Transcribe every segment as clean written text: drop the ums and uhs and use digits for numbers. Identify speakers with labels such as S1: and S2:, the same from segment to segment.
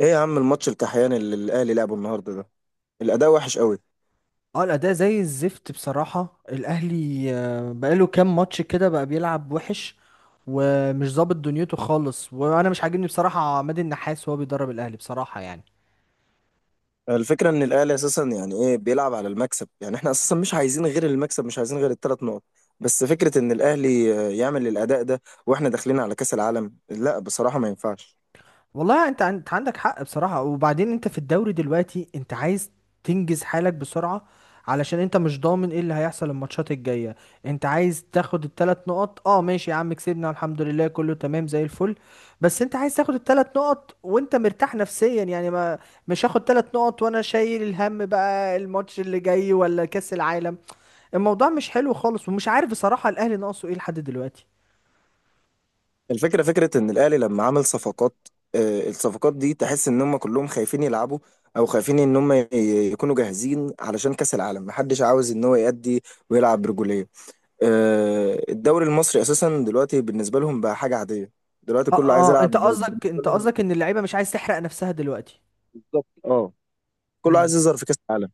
S1: ايه يا عم الماتش الكحيان اللي الاهلي لعبه النهارده ده؟ الاداء وحش قوي.
S2: اه، الأداء زي الزفت بصراحة. الأهلي بقاله كام ماتش كده بقى بيلعب وحش ومش ظابط دنيته خالص، وأنا مش عاجبني بصراحة عماد النحاس وهو بيدرب الأهلي بصراحة يعني.
S1: الفكره ان الاهلي اساسا يعني ايه، بيلعب على المكسب، يعني احنا اساسا مش عايزين غير المكسب، مش عايزين غير الثلاث نقط. بس فكره ان الاهلي يعمل الاداء ده واحنا داخلين على كاس العالم، لا بصراحه ما ينفعش.
S2: والله انت عندك حق بصراحة. وبعدين انت في الدوري دلوقتي، انت عايز تنجز حالك بسرعة علشان انت مش ضامن ايه اللي هيحصل الماتشات الجاية. انت عايز تاخد الثلاث نقط، اه ماشي يا عم، كسبنا الحمد لله كله تمام زي الفل. بس انت عايز تاخد الثلاث نقط وانت مرتاح نفسيا، يعني ما مش هاخد ثلاث نقط وانا شايل الهم بقى الماتش اللي جاي ولا كأس العالم. الموضوع مش حلو خالص، ومش عارف بصراحة الاهلي ناقصه ايه لحد دلوقتي.
S1: الفكره فكره ان الاهلي لما عمل صفقات، الصفقات دي تحس ان هم كلهم خايفين يلعبوا او خايفين ان هم يكونوا جاهزين علشان كاس العالم، محدش عاوز ان هو يأدي ويلعب برجوليه. الدوري المصري اساسا دلوقتي بالنسبه لهم بقى حاجه عاديه، دلوقتي
S2: اه.
S1: كله عايز
S2: اه،
S1: يلعب
S2: انت
S1: بالنسبه
S2: قصدك انت
S1: لهم.
S2: قصدك ان اللعيبة مش عايز تحرق نفسها دلوقتي.
S1: بالظبط اه. كله
S2: مم.
S1: عايز يظهر في كاس العالم.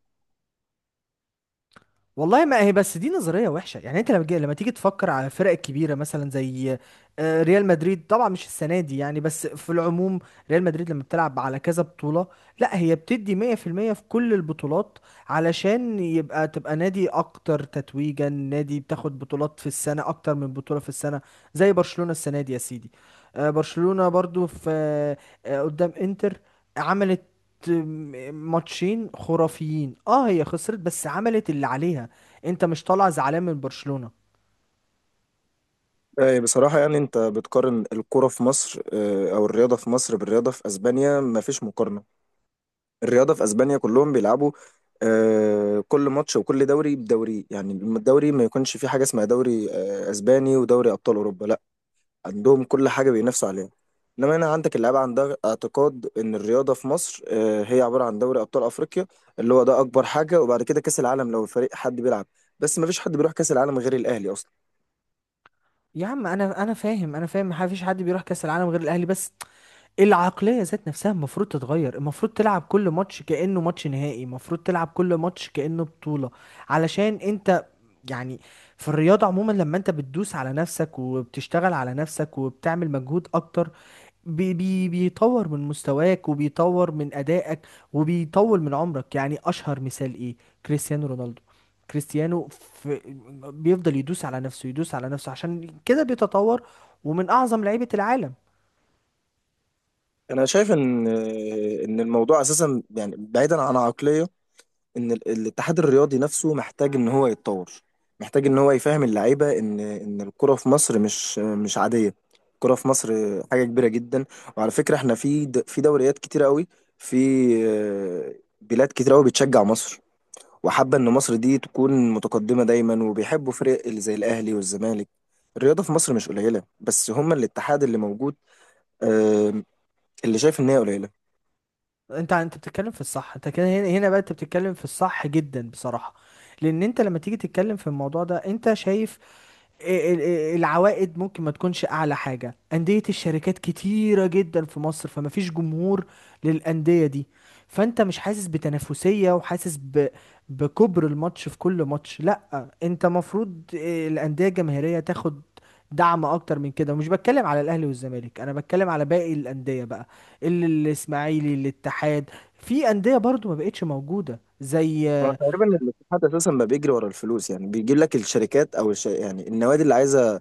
S2: والله ما هي بس دي نظرية وحشة. يعني انت لما تيجي تفكر على فرق كبيرة مثلا زي ريال مدريد، طبعا مش السنة دي يعني، بس في العموم ريال مدريد لما بتلعب على كذا بطولة، لا هي بتدي 100% في المية في كل البطولات، علشان يبقى تبقى نادي اكتر تتويجا، نادي بتاخد بطولات في السنة اكتر من بطولة في السنة، زي برشلونة السنة دي يا سيدي. برشلونة برضو في قدام انتر، عملت ماتشين خرافيين. اه، هي خسرت بس عملت اللي عليها. انت مش طالع زعلان من برشلونة.
S1: بصراحه يعني انت بتقارن الكره في مصر او الرياضه في مصر بالرياضه في اسبانيا، ما فيش مقارنه. الرياضه في اسبانيا كلهم بيلعبوا، كل ماتش وكل دوري بدوري، يعني الدوري ما يكونش فيه حاجه اسمها دوري اسباني ودوري ابطال اوروبا لا، عندهم كل حاجة بينافسوا عليها. انما هنا عندك اللعيبة عندها اعتقاد ان الرياضة في مصر هي عبارة عن دوري ابطال افريقيا، اللي هو ده اكبر حاجة، وبعد كده كاس العالم لو الفريق حد بيلعب، بس ما فيش حد بيروح كاس العالم غير الاهلي اصلا.
S2: يا عم انا فاهم ما فيش حد بيروح كاس العالم غير الاهلي، بس العقلية ذات نفسها المفروض تتغير، المفروض تلعب كل ماتش كأنه ماتش نهائي، المفروض تلعب كل ماتش كأنه بطولة، علشان انت يعني. في الرياضة عموما لما انت بتدوس على نفسك وبتشتغل على نفسك وبتعمل مجهود اكتر، بي بي بيطور من مستواك وبيطور من أدائك وبيطول من عمرك. يعني أشهر مثال إيه؟ كريستيانو رونالدو. كريستيانو في بيفضل يدوس على نفسه يدوس على نفسه، عشان كده بيتطور ومن أعظم لعيبة العالم.
S1: انا شايف ان ان الموضوع اساسا يعني بعيدا عن عقلية، ان الاتحاد الرياضي نفسه محتاج ان هو يتطور، محتاج ان هو يفهم اللعيبه ان الكره في مصر مش عاديه. الكره في مصر حاجه كبيره جدا. وعلى فكره احنا في في دوريات كتيره قوي، في آه، بلاد كتيره قوي بتشجع مصر وحابه ان مصر دي تكون متقدمه دايما، وبيحبوا فرق اللي زي الاهلي والزمالك. الرياضه في مصر مش قليله، بس هما الاتحاد اللي موجود آه، اللي شايف ان هي قليله.
S2: انت بتتكلم في الصح، انت كده هنا هنا بقى، انت بتتكلم في الصح جدا بصراحة. لان انت لما تيجي تتكلم في الموضوع ده، انت شايف العوائد ممكن ما تكونش اعلى حاجه. انديه الشركات كتيره جدا في مصر، فما فيش جمهور للانديه دي، فانت مش حاسس بتنافسيه، وحاسس بكبر الماتش في كل ماتش. لا، انت مفروض الانديه الجماهيريه تاخد دعم اكتر من كده، ومش بتكلم على الاهلي والزمالك، انا بتكلم على باقي الانديه بقى. الاسماعيلي، الاتحاد، في انديه برضو ما بقتش موجوده
S1: هو
S2: زي.
S1: تقريبا الاتحاد اساسا ما بيجري ورا الفلوس، يعني بيجيب لك الشركات او يعني النوادي اللي عايزه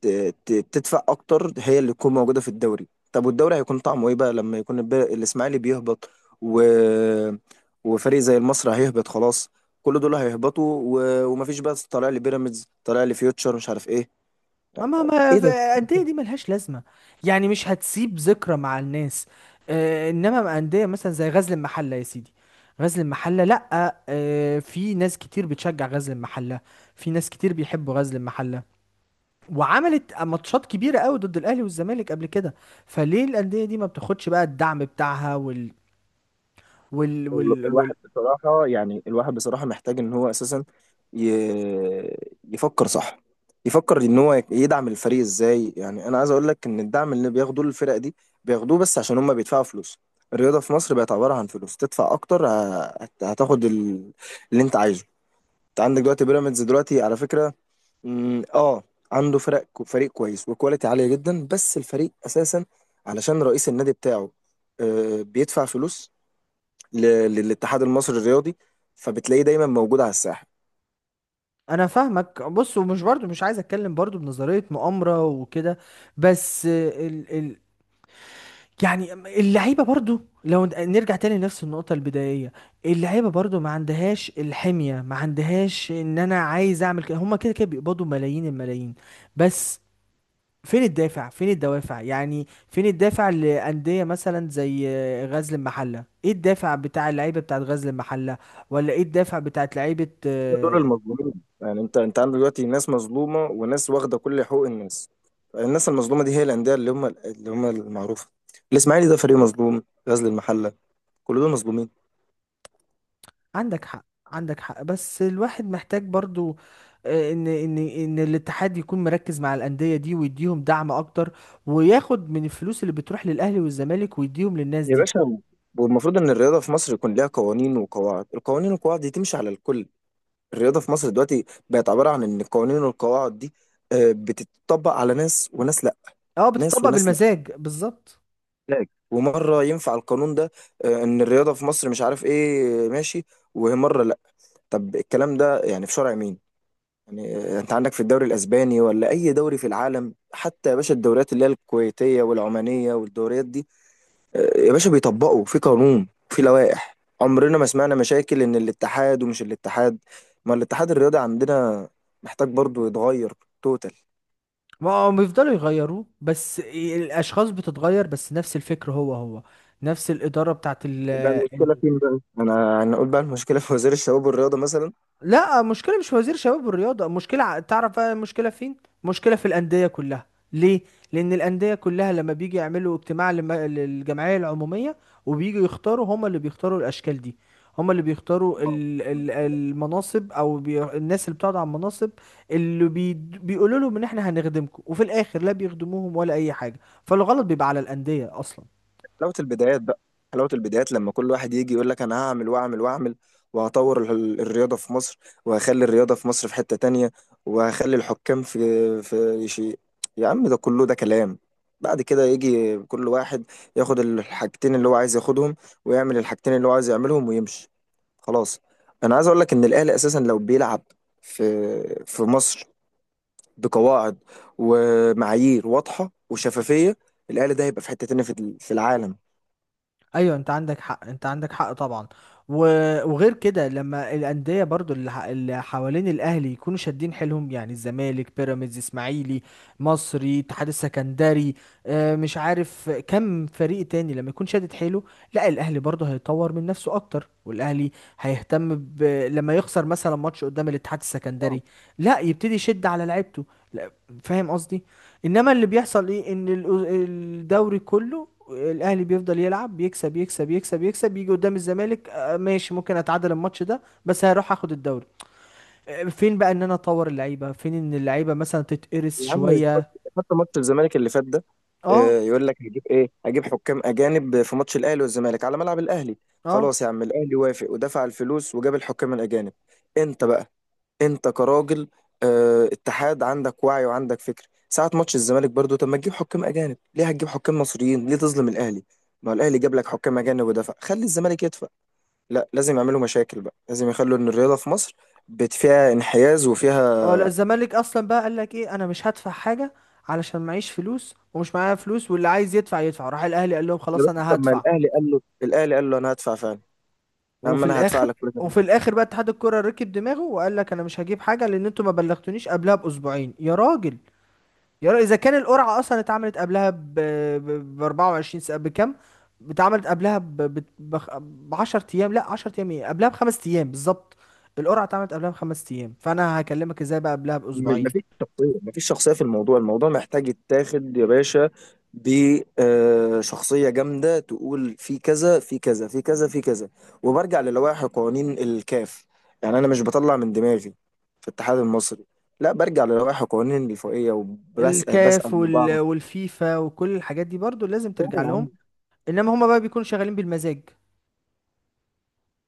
S1: ت... ت... تدفع اكتر هي اللي تكون موجوده في الدوري. طب والدوري هيكون طعمه ايه بقى لما يكون الاسماعيلي بيهبط و... وفريق زي المصري هيهبط؟ خلاص، كل دول هيهبطوا ومفيش بقى، طالع لي بيراميدز، طالع لي فيوتشر، مش عارف ايه.
S2: اما ما
S1: ايه
S2: ف-
S1: ده؟
S2: الانديه دي ملهاش لازمه، يعني مش هتسيب ذكرى مع الناس. آه، انما مع انديه مثلا زي غزل المحله يا سيدي، غزل المحله، لا. آه، في ناس كتير بتشجع غزل المحله، في ناس كتير بيحبوا غزل المحله، وعملت ماتشات كبيره قوي ضد الاهلي والزمالك قبل كده. فليه الانديه دي ما بتاخدش بقى الدعم بتاعها وال وال, وال...
S1: الواحد بصراحة، يعني الواحد بصراحة محتاج إن هو أساسا ي- يفكر صح، يفكر إن هو يدعم الفريق إزاي. يعني أنا عايز أقول لك إن الدعم اللي بياخدوه الفرق دي، بياخدوه بس عشان هما بيدفعوا فلوس. الرياضة في مصر بقت عبارة عن فلوس، تدفع أكتر هتاخد اللي أنت عايزه. أنت عندك دلوقتي بيراميدز، دلوقتي على فكرة مم، آه عنده فرق، فريق كويس وكواليتي عالية جدا، بس الفريق أساسا علشان رئيس النادي بتاعه بيدفع فلوس للاتحاد المصري الرياضي، فبتلاقيه دايما موجود على الساحه.
S2: انا فاهمك بص، ومش برضو مش عايز اتكلم برضو بنظريه مؤامره وكده، بس يعني اللعيبه برضو لو نرجع تاني لنفس النقطه البدائيه، اللعيبه برضو ما عندهاش الحميه، ما عندهاش ان انا عايز اعمل كده. هما كده كده بيقبضوا ملايين الملايين، بس فين الدافع؟ فين الدوافع؟ يعني فين الدافع لأندية مثلا زي غزل المحلة؟ ايه الدافع بتاع اللعيبه بتاعت غزل المحلة؟ ولا ايه الدافع بتاعت لعيبه؟
S1: هم دول المظلومين، يعني انت عندك دلوقتي ناس مظلومه وناس واخده كل حقوق الناس. الناس المظلومه دي هي الانديه اللي هم، المعروفه. الاسماعيلي ده فريق مظلوم، غزل المحله، كل دول مظلومين.
S2: عندك حق، عندك حق، بس الواحد محتاج برضو ان الاتحاد يكون مركز مع الانديه دي، ويديهم دعم اكتر، وياخد من الفلوس اللي بتروح للاهلي والزمالك ويديهم للناس
S1: يا
S2: دي.
S1: باشا، والمفروض ان الرياضه في مصر يكون ليها قوانين وقواعد، القوانين والقواعد دي تمشي على الكل. الرياضه في مصر دلوقتي بقت عباره عن ان القوانين والقواعد دي بتتطبق على ناس وناس لا،
S2: اه،
S1: ناس
S2: بتطبق
S1: وناس لا.
S2: بالمزاج بالظبط.
S1: فلاج. ومره ينفع القانون ده ان الرياضه في مصر، مش عارف ايه، ماشي، ومره لا. طب الكلام ده يعني في شرع مين؟ يعني انت عندك في الدوري الاسباني ولا اي دوري في العالم، حتى يا باشا الدوريات اللي هي الكويتيه والعمانيه والدوريات دي، يا باشا بيطبقوا في قانون، في لوائح، عمرنا ما سمعنا مشاكل ان الاتحاد ومش الاتحاد. ما الاتحاد الرياضي عندنا محتاج برضو يتغير توتال.
S2: ما هم يفضلوا يغيروه، بس الاشخاص بتتغير، بس نفس الفكر هو هو، نفس الاداره بتاعت
S1: يبقى المشكلة فين بقى؟ أنا أقول بقى المشكلة في وزير الشباب والرياضة
S2: لا، مشكلة مش في وزير شباب والرياضة. مشكلة تعرف بقى المشكلة فين؟ مشكلة في الأندية كلها. ليه؟ لأن الأندية كلها لما بيجي يعملوا اجتماع للجمعية العمومية، وبيجوا يختاروا، هما اللي بيختاروا الأشكال دي. هما اللي بيختاروا
S1: مثلا.
S2: المناصب، أو الناس اللي بتقعد على المناصب، اللي بي... بيقولوا لهم إن إحنا هنخدمكم، وفي الآخر لا بيخدموهم ولا أي حاجة. فالغلط بيبقى على الأندية أصلا.
S1: حلاوة البدايات بقى، حلاوة البدايات لما كل واحد يجي يقول لك أنا هعمل وأعمل وأعمل، وهطور الرياضة في مصر، وهخلي الرياضة في مصر في حتة تانية، وهخلي الحكام في شيء. يا عم ده كله ده كلام. بعد كده يجي كل واحد ياخد الحاجتين اللي هو عايز ياخدهم، ويعمل الحاجتين اللي هو عايز يعملهم ويمشي خلاص. أنا عايز أقول لك إن الأهلي أساسا لو بيلعب في مصر بقواعد ومعايير واضحة وشفافية، الأهلي ده هيبقى في حتة تانية في في العالم.
S2: ايوه، انت عندك حق، انت عندك حق طبعا. و... وغير كده لما الانديه برضو اللي حوالين الاهلي يكونوا شادين حيلهم، يعني الزمالك، بيراميدز، اسماعيلي، مصري، اتحاد السكندري، مش عارف كم فريق تاني، لما يكون شادد حيله، لا الاهلي برضو هيطور من نفسه اكتر، والاهلي هيهتم لما يخسر مثلا ماتش قدام الاتحاد السكندري، لا يبتدي يشد على لعيبته. لا، فاهم قصدي. انما اللي بيحصل ايه؟ ان الدوري كله، الاهلي بيفضل يلعب يكسب يكسب يكسب يكسب، يجي قدام الزمالك ماشي، ممكن اتعادل الماتش ده، بس هروح اخد الدوري. فين بقى ان انا اطور اللعيبه؟ فين ان اللعيبه مثلا تتقرس
S1: يا عم،
S2: شويه؟
S1: حتى ماتش الزمالك اللي فات ده،
S2: اه،
S1: يقول لك هجيب ايه، هجيب حكام اجانب في ماتش الاهلي والزمالك على ملعب الاهلي.
S2: اه،
S1: خلاص يا عم، الاهلي وافق ودفع الفلوس وجاب الحكام الاجانب. انت بقى، انت كراجل اتحاد، عندك وعي وعندك فكر، ساعة ماتش الزمالك برضو طب ما تجيب حكام اجانب، ليه هتجيب حكام مصريين، ليه تظلم الاهلي؟ ما هو الاهلي جاب لك حكام اجانب ودفع، خلي الزمالك يدفع. لا، لازم يعملوا مشاكل بقى، لازم يخلوا ان الرياضة في مصر فيها انحياز
S2: اه، لا
S1: وفيها.
S2: الزمالك اصلا بقى قال لك ايه؟ انا مش هدفع حاجه، علشان معيش فلوس ومش معايا فلوس، واللي عايز يدفع يدفع. راح الاهلي قال لهم
S1: يا
S2: خلاص
S1: باشا
S2: انا
S1: طب ما
S2: هدفع.
S1: الاهلي قال له، الاهلي قال له انا هدفع فعلا، يا عم
S2: وفي
S1: انا هدفع
S2: الاخر
S1: لك كل ده.
S2: وفي الاخر بقى، اتحاد الكره ركب دماغه وقال لك انا مش هجيب حاجه، لان انتوا ما بلغتونيش قبلها باسبوعين يا راجل. يا اذا كان القرعه اصلا اتعملت قبلها ب 24 ساعه، بكام؟ اتعملت قبلها ب 10 ايام، لا 10 ايام ايه، قبلها ب5 ايام بالظبط. القرعه اتعملت قبلها ب5 ايام، فانا هكلمك ازاي بقى قبلها باسبوعين؟
S1: مفيش شخصيه، مفيش شخصيه في الموضوع، الموضوع محتاج يتاخد يا باشا بشخصيه جامده، تقول في كذا في كذا في كذا في كذا، وبرجع للوائح قوانين الكاف، يعني انا مش بطلع من دماغي في الاتحاد المصري، لا برجع للوائح قوانين الفوقيه، وبسال
S2: الكاف
S1: من
S2: والفيفا وكل الحاجات دي برضو لازم ترجع
S1: بعض.
S2: لهم. انما هما بقى بيكونوا شغالين بالمزاج.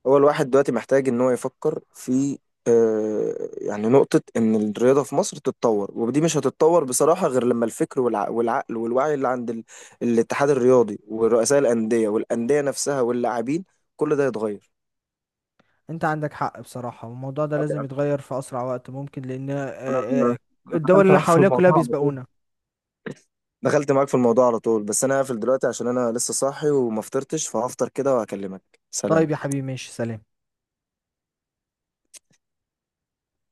S1: هو الواحد دلوقتي محتاج ان هو يفكر في يعني نقطة ان الرياضة في مصر تتطور، ودي مش هتتطور بصراحة غير لما الفكر والعقل والوعي اللي عند الاتحاد الرياضي ورؤساء الأندية والأندية نفسها واللاعبين، كل ده يتغير.
S2: انت عندك حق بصراحه، والموضوع ده
S1: طب
S2: لازم
S1: يعني
S2: يتغير في اسرع وقت ممكن، لان
S1: انا
S2: آه،
S1: أنا
S2: الدول
S1: دخلت
S2: اللي
S1: معاك في
S2: حوالينا كلها
S1: الموضوع على طول،
S2: بيسبقونا.
S1: دخلت معاك في الموضوع على طول، بس انا هقفل دلوقتي عشان انا لسه صاحي وما فطرتش، فهفطر كده وهكلمك. سلام.
S2: طيب يا حبيبي، ماشي، سلام.